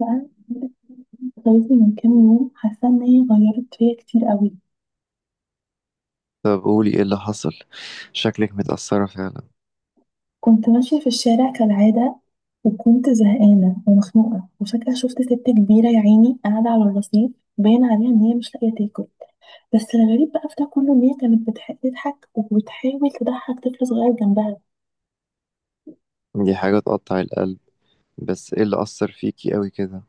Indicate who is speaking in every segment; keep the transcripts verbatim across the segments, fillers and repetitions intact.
Speaker 1: بقى غيرتني من كام يوم، حاسة إن هي غيرت فيا كتير قوي.
Speaker 2: طب قولي ايه اللي حصل. شكلك متأثرة فعلا.
Speaker 1: كنت ماشية في الشارع كالعادة، وكنت زهقانة ومخنوقة، وفجأة شفت ست كبيرة يا عيني قاعدة على الرصيف، باين عليها إن هي مش لاقية تاكل. بس الغريب بقى في ده كله إن هي كانت بتح- بتضحك وبتحاول تضحك طفل صغير جنبها.
Speaker 2: دي حاجة تقطع القلب، بس ايه اللي أثر فيكي قوي كده؟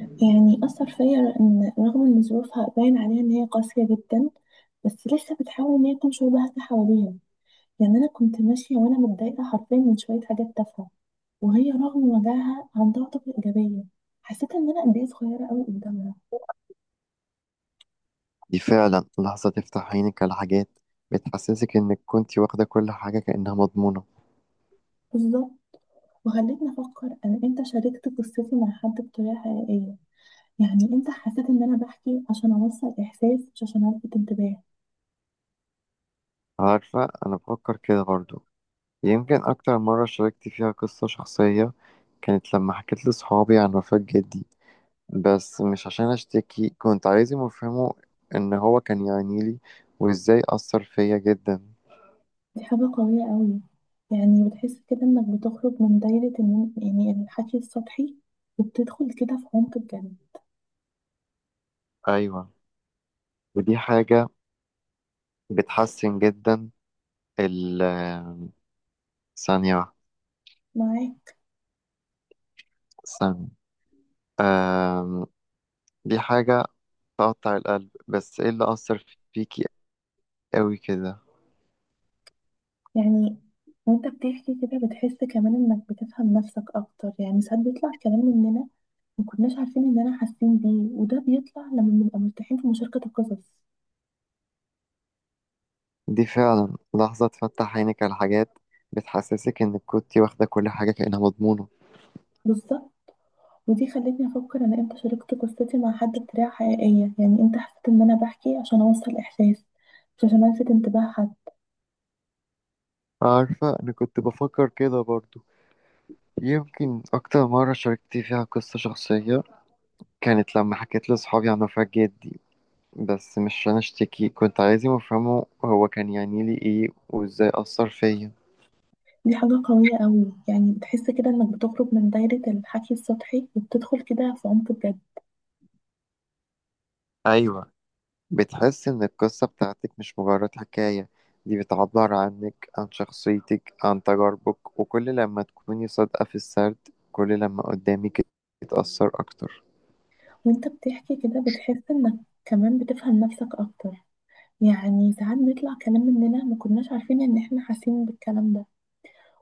Speaker 1: يعني أثر فيا إن رغم إن ظروفها باين عليها إن هي قاسية جدا، بس لسه بتحاول إن هي تنشر بهجة حواليها. يعني أنا كنت ماشية وأنا متضايقة حرفيا من شوية حاجات تافهة، وهي رغم وجعها عندها طاقة إيجابية. حسيت إن أنا قد إيه صغيرة أوي قدامها.
Speaker 2: دي فعلا لحظة تفتح عينك على حاجات، بتحسسك انك كنتي واخدة كل حاجة كأنها مضمونة.
Speaker 1: بالظبط، وخلتني أفكر أنا إمتى شاركت قصتي مع حد بطريقة حقيقية. يعني إمتى حسيت إن أنا بحكي عشان أوصل إحساس، مش عشان ألفت انتباه.
Speaker 2: عارفة انا بفكر كده برضو. يمكن اكتر مرة شاركت فيها قصة شخصية كانت لما حكيت لصحابي عن وفاة جدي، بس مش عشان اشتكي، كنت عايزهم يفهموا ان هو كان يعنيلي وازاي أثر فيا جدا.
Speaker 1: دي حاجة قوية أوي، يعني بتحس كده إنك بتخرج من دايرة إن يعني الحكي السطحي، وبتدخل كده في عمق بجد.
Speaker 2: ايوه، ودي حاجة بتحسن جدا. ال ثانية واحدة
Speaker 1: معاك.
Speaker 2: ثانية آم، دي حاجة تقطع القلب، بس ايه اللي أثر فيكي قوي كده؟
Speaker 1: يعني وانت بتحكي كده بتحس كمان انك بتفهم نفسك اكتر، يعني ساعات بيطلع كلام مننا ما كناش عارفين اننا حاسين بيه، وده بيطلع لما بنبقى مرتاحين في مشاركة القصص.
Speaker 2: دي فعلا لحظة تفتح عينك على حاجات، بتحسسك إنك كنت واخدة كل حاجة كأنها مضمونة.
Speaker 1: بالظبط، ودي خلتني افكر انا امتى شاركت قصتي مع حد بطريقة حقيقية. يعني امتى حسيت ان انا بحكي عشان اوصل احساس، مش عشان الفت انتباه حد.
Speaker 2: عارفة أنا كنت بفكر كده برضو. يمكن أكتر مرة شاركت فيها قصة شخصية كانت لما حكيت لأصحابي عن وفاة جدي، بس مش عشان أشتكي، كنت عايزهم يفهموا هو كان يعني لي إيه وإزاي أثر فيا.
Speaker 1: دي حاجة قوية قوي، يعني بتحس كده انك بتخرج من دايرة الحكي السطحي، وبتدخل كده في عمق بجد.
Speaker 2: أيوة، بتحس إن القصة بتاعتك مش مجرد حكاية، دي بتعبر عنك، عن شخصيتك، عن تجاربك، وكل لما تكوني صادقة في السرد كل لما قدامك يتأثر أكتر.
Speaker 1: وانت بتحكي كده بتحس انك كمان بتفهم نفسك اكتر. يعني ساعات بيطلع كلام مننا ما كناش عارفين ان احنا حاسين بالكلام ده،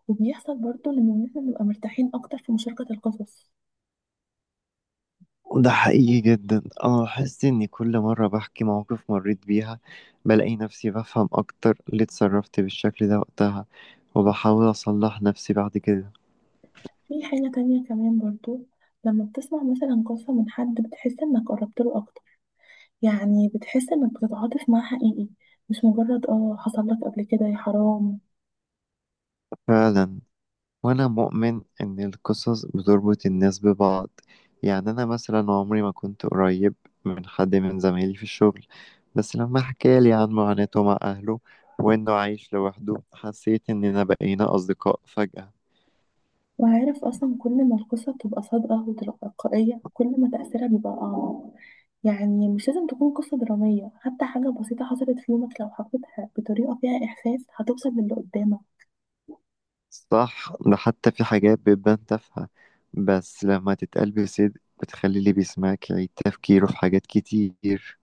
Speaker 1: وبيحصل برضو لما احنا نبقى مرتاحين اكتر في مشاركة القصص.
Speaker 2: ده حقيقي جدا، أنا بحس إني كل مرة بحكي مواقف مريت بيها بلاقي نفسي بفهم أكتر ليه اتصرفت بالشكل ده وقتها، وبحاول أصلح نفسي بعد كده.
Speaker 1: في حاجة تانية كمان برضو، لما بتسمع مثلا قصة من حد بتحس انك قربت له اكتر. يعني بتحس انك بتتعاطف معاه حقيقي، مش مجرد اه حصل لك قبل كده يا حرام.
Speaker 2: فعلا، وأنا مؤمن إن القصص بتربط الناس ببعض. يعني أنا مثلا عمري ما كنت قريب من حد من زمايلي في الشغل، بس لما حكالي عن معاناته مع أهله وإنه عايش لوحده حسيت إننا بقينا أصدقاء فجأة.
Speaker 1: وعارف أصلا، كل ما القصة بتبقى صادقة وتلقائية كل ما تأثيرها بيبقى أعمق. يعني مش لازم تكون قصة درامية، حتى حاجة بسيطة حصلت في يومك لو حكيتها بطريقة فيها إحساس هتوصل للي قدامك.
Speaker 2: صح، ده حتى في حاجات بتبان تافهة، بس لما تتقال بصدق بتخلي اللي بيسمعك يعيد تفكيره في حاجات كتير.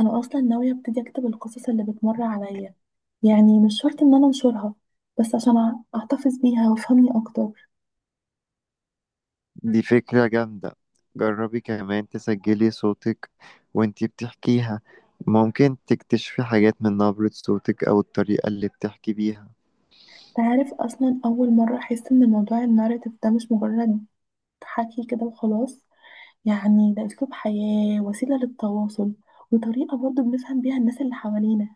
Speaker 1: أنا أصلا ناوية أبتدي أكتب القصص اللي بتمر عليا. يعني مش شرط إن أنا أنشرها، بس عشان أع- أحتفظ بيها وأفهمني أكتر.
Speaker 2: دي فكرة جامدة، جربي كمان تسجلي صوتك وانتي بتحكيها، ممكن تكتشفي حاجات من نبرة صوتك أو الطريقة اللي بتحكي بيها.
Speaker 1: تعرف أصلا أول مرة أحس إن موضوع الناريتيف ده مش مجرد حكي كده وخلاص. يعني ده أسلوب حياة، وسيلة للتواصل، وطريقة برضو بنفهم بيها الناس اللي حوالينا.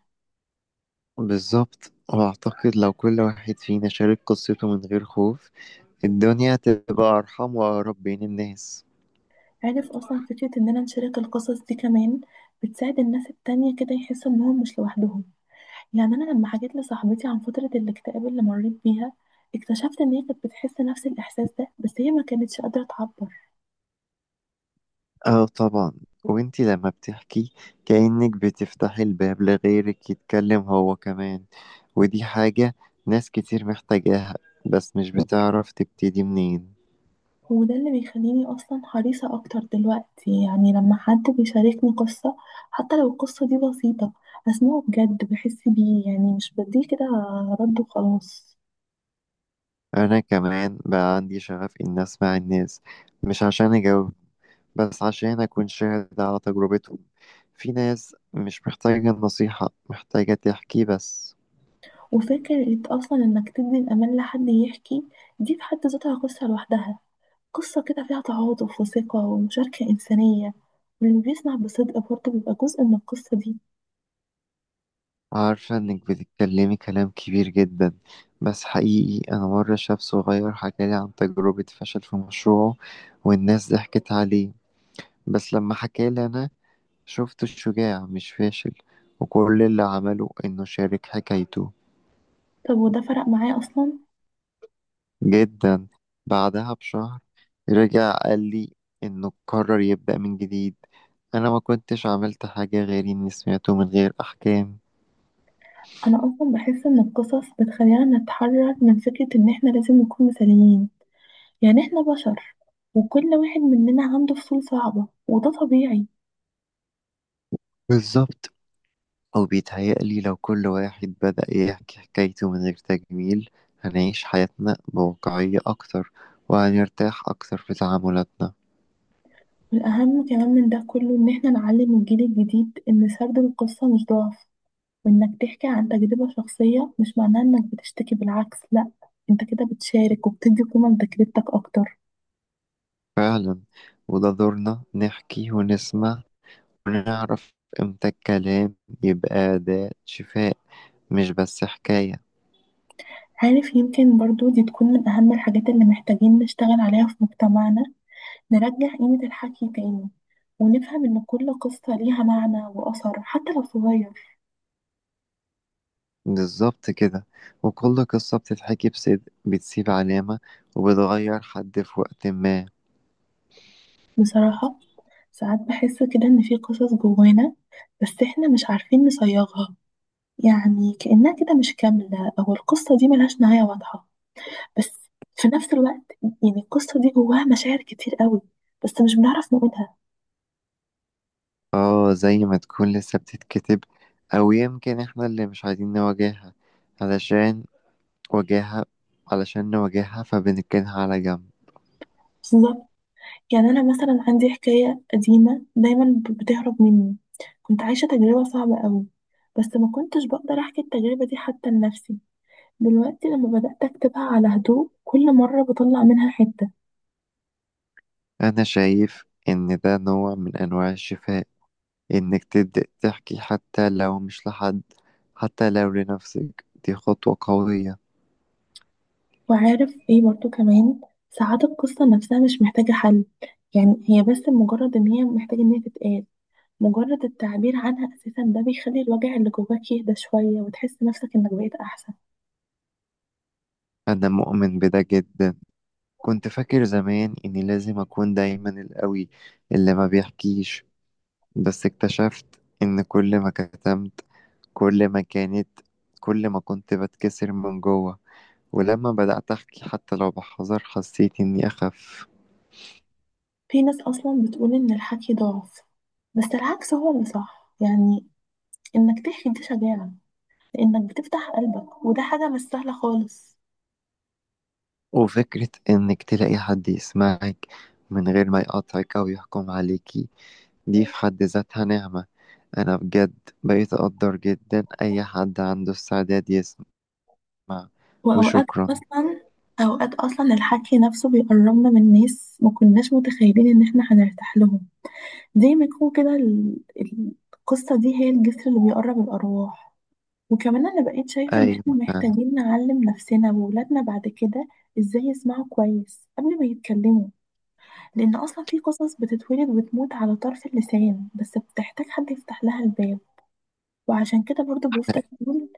Speaker 2: بالظبط، وأعتقد لو كل واحد فينا شارك قصته من غير خوف الدنيا هتبقى أرحم وأقرب بين الناس.
Speaker 1: عارف أصلا فكرة إننا نشارك القصص دي كمان بتساعد الناس التانية كده يحسوا إنهم مش لوحدهم. يعني أنا لما حكيت لصاحبتي عن فترة الاكتئاب اللي مريت بيها، اكتشفت إن هي كانت بتحس نفس الإحساس ده، بس هي ما كانتش قادرة تعبر.
Speaker 2: اه طبعا، وانتي لما بتحكي كأنك بتفتحي الباب لغيرك يتكلم هو كمان، ودي حاجة ناس كتير محتاجاها بس مش بتعرف تبتدي منين.
Speaker 1: وده اللي بيخليني أصلا حريصة أكتر دلوقتي، يعني لما حد بيشاركني قصة حتى لو القصة دي بسيطة، أسمعه بجد، بحس بيه، يعني مش بديه كده رد وخلاص.
Speaker 2: أنا كمان بقى عندي شغف إن أسمع الناس، مش عشان أجاوب، بس عشان أكون شاهد على تجربتهم. في ناس مش محتاجة النصيحة، محتاجة تحكي بس.
Speaker 1: وفكرة أصلا إنك تدي الأمان لحد يحكي، دي في حد ذاتها قصة لوحدها. قصة كده فيها تعاطف وثقة ومشاركة إنسانية، واللي بيسمع بصدق برضه بيبقى جزء من القصة دي.
Speaker 2: عارفة إنك بتتكلمي كلام كبير جدا، بس حقيقي أنا مرة شاب صغير حكالي عن تجربة فشل في مشروعه والناس ضحكت عليه، بس لما حكالي أنا شفته شجاع مش فاشل، وكل اللي عمله إنه شارك حكايته.
Speaker 1: طب وده فرق معايا أصلا.
Speaker 2: جدا، بعدها بشهر رجع قال لي انه قرر يبدأ من جديد. انا ما كنتش عملت حاجة غير اني سمعته من غير احكام.
Speaker 1: أنا أصلا بحس إن القصص بتخلينا نتحرر من فكرة إن إحنا لازم نكون مثاليين. يعني احنا بشر، وكل واحد مننا عنده فصول صعبة، وده طبيعي.
Speaker 2: بالظبط، او بيتهيألي لو كل واحد بدأ يحكي حكايته من غير تجميل هنعيش حياتنا بواقعية اكتر، وهنرتاح اكتر في تعاملاتنا.
Speaker 1: والأهم كمان من ده كله إن احنا نعلم الجيل الجديد إن سرد القصة مش ضعف، وإنك تحكي عن تجربة شخصية مش معناه إنك بتشتكي. بالعكس، لأ، انت كده بتشارك وبتدي قيمة لتجربتك أكتر.
Speaker 2: فعلا، وده دورنا نحكي ونسمع ونعرف امتى الكلام يبقى أداة شفاء مش بس حكاية.
Speaker 1: عارف، يمكن برضو دي تكون من أهم الحاجات اللي محتاجين نشتغل عليها في مجتمعنا. نرجع قيمة الحكي تاني، ونفهم إن كل قصة ليها معنى وأثر حتى لو صغير.
Speaker 2: بالظبط كده، وكل قصة بتتحكي بصدق بتسيب علامة وبتغير حد في وقت ما.
Speaker 1: بصراحة ساعات بحس كده إن في قصص جوانا، بس إحنا مش عارفين نصيغها. يعني كأنها كده مش كاملة، أو القصة دي ملهاش نهاية واضحة. بس في نفس الوقت يعني القصة دي جواها مشاعر كتير قوي، بس مش بنعرف نقولها.
Speaker 2: اه، زي ما تكون لسه بتتكتب، أو يمكن احنا اللي مش عايزين نواجهها. علشان واجهها علشان نواجهها فبنركنها على جنب.
Speaker 1: بالظبط. يعني أنا مثلا عندي حكاية قديمة دايما ب- بتهرب مني. كنت عايشة تجربة صعبة قوي، بس ما كنتش بقدر أحكي التجربة دي حتى لنفسي. دلوقتي لما بدأت أكتبها على هدوء كل مرة بطلع منها حتة.
Speaker 2: أنا شايف إن ده نوع من أنواع الشفاء، إنك تبدأ تحكي حتى لو مش لحد، حتى لو لنفسك دي خطوة قوية.
Speaker 1: وعارف ايه برضو كمان، ساعات القصة نفسها مش محتاجة حل. يعني هي بس مجرد ان هي محتاجة ان هي تتقال. مجرد التعبير عنها اساسا ده بيخلي الوجع اللي جواك يهدى شوية وتحس نفسك انك بقيت احسن.
Speaker 2: أنا مؤمن بده جدا، كنت فاكر زمان إني لازم أكون دايما القوي اللي ما بيحكيش، بس اكتشفت إن كل ما كتمت كل ما كانت كل ما كنت بتكسر من جوه، ولما بدأت أحكي حتى لو بحذر حسيت إني أخف.
Speaker 1: في ناس اصلا بتقول ان الحكي ضعف، بس العكس هو اللي صح. يعني انك تحكي دي شجاعة، لانك بتفتح قلبك وده حاجة مش سهلة خالص.
Speaker 2: وفكرة إنك تلاقي حد يسمعك من غير ما يقاطعك أو يحكم عليكي دي في حد ذاتها نعمة. أنا بجد بقيت أقدر جدا أي حد عنده استعداد يسمع.
Speaker 1: واوقات
Speaker 2: وشكرا.
Speaker 1: اصلا اوقات اصلا الحكي نفسه بيقربنا من ناس ما كناش متخيلين ان احنا هنرتاح لهم. زي ما يكون كده ال- ال- القصة دي هي الجسر اللي بيقرب الأرواح. وكمان أنا بقيت شايفة إن
Speaker 2: أيوة،
Speaker 1: إحنا محتاجين نعلم نفسنا وولادنا بعد كده إزاي يسمعوا كويس قبل ما يتكلموا، لأن أصلا في قصص بتتولد وتموت على طرف اللسان بس بتحتاج حد يفتح لها الباب. وعشان كده برضو بفضل أقول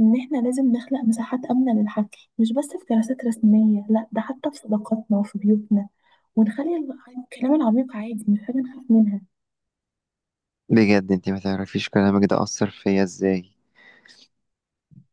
Speaker 1: إن إحنا لازم نخلق مساحات آمنة للحكي، مش بس في جلسات رسمية، لأ ده حتى في صداقاتنا وفي بيوتنا، ونخلي الكلام العميق عادي مش حاجة نخاف منها.
Speaker 2: بجد انت ما تعرفيش كلامك ده أثر فيا ازاي.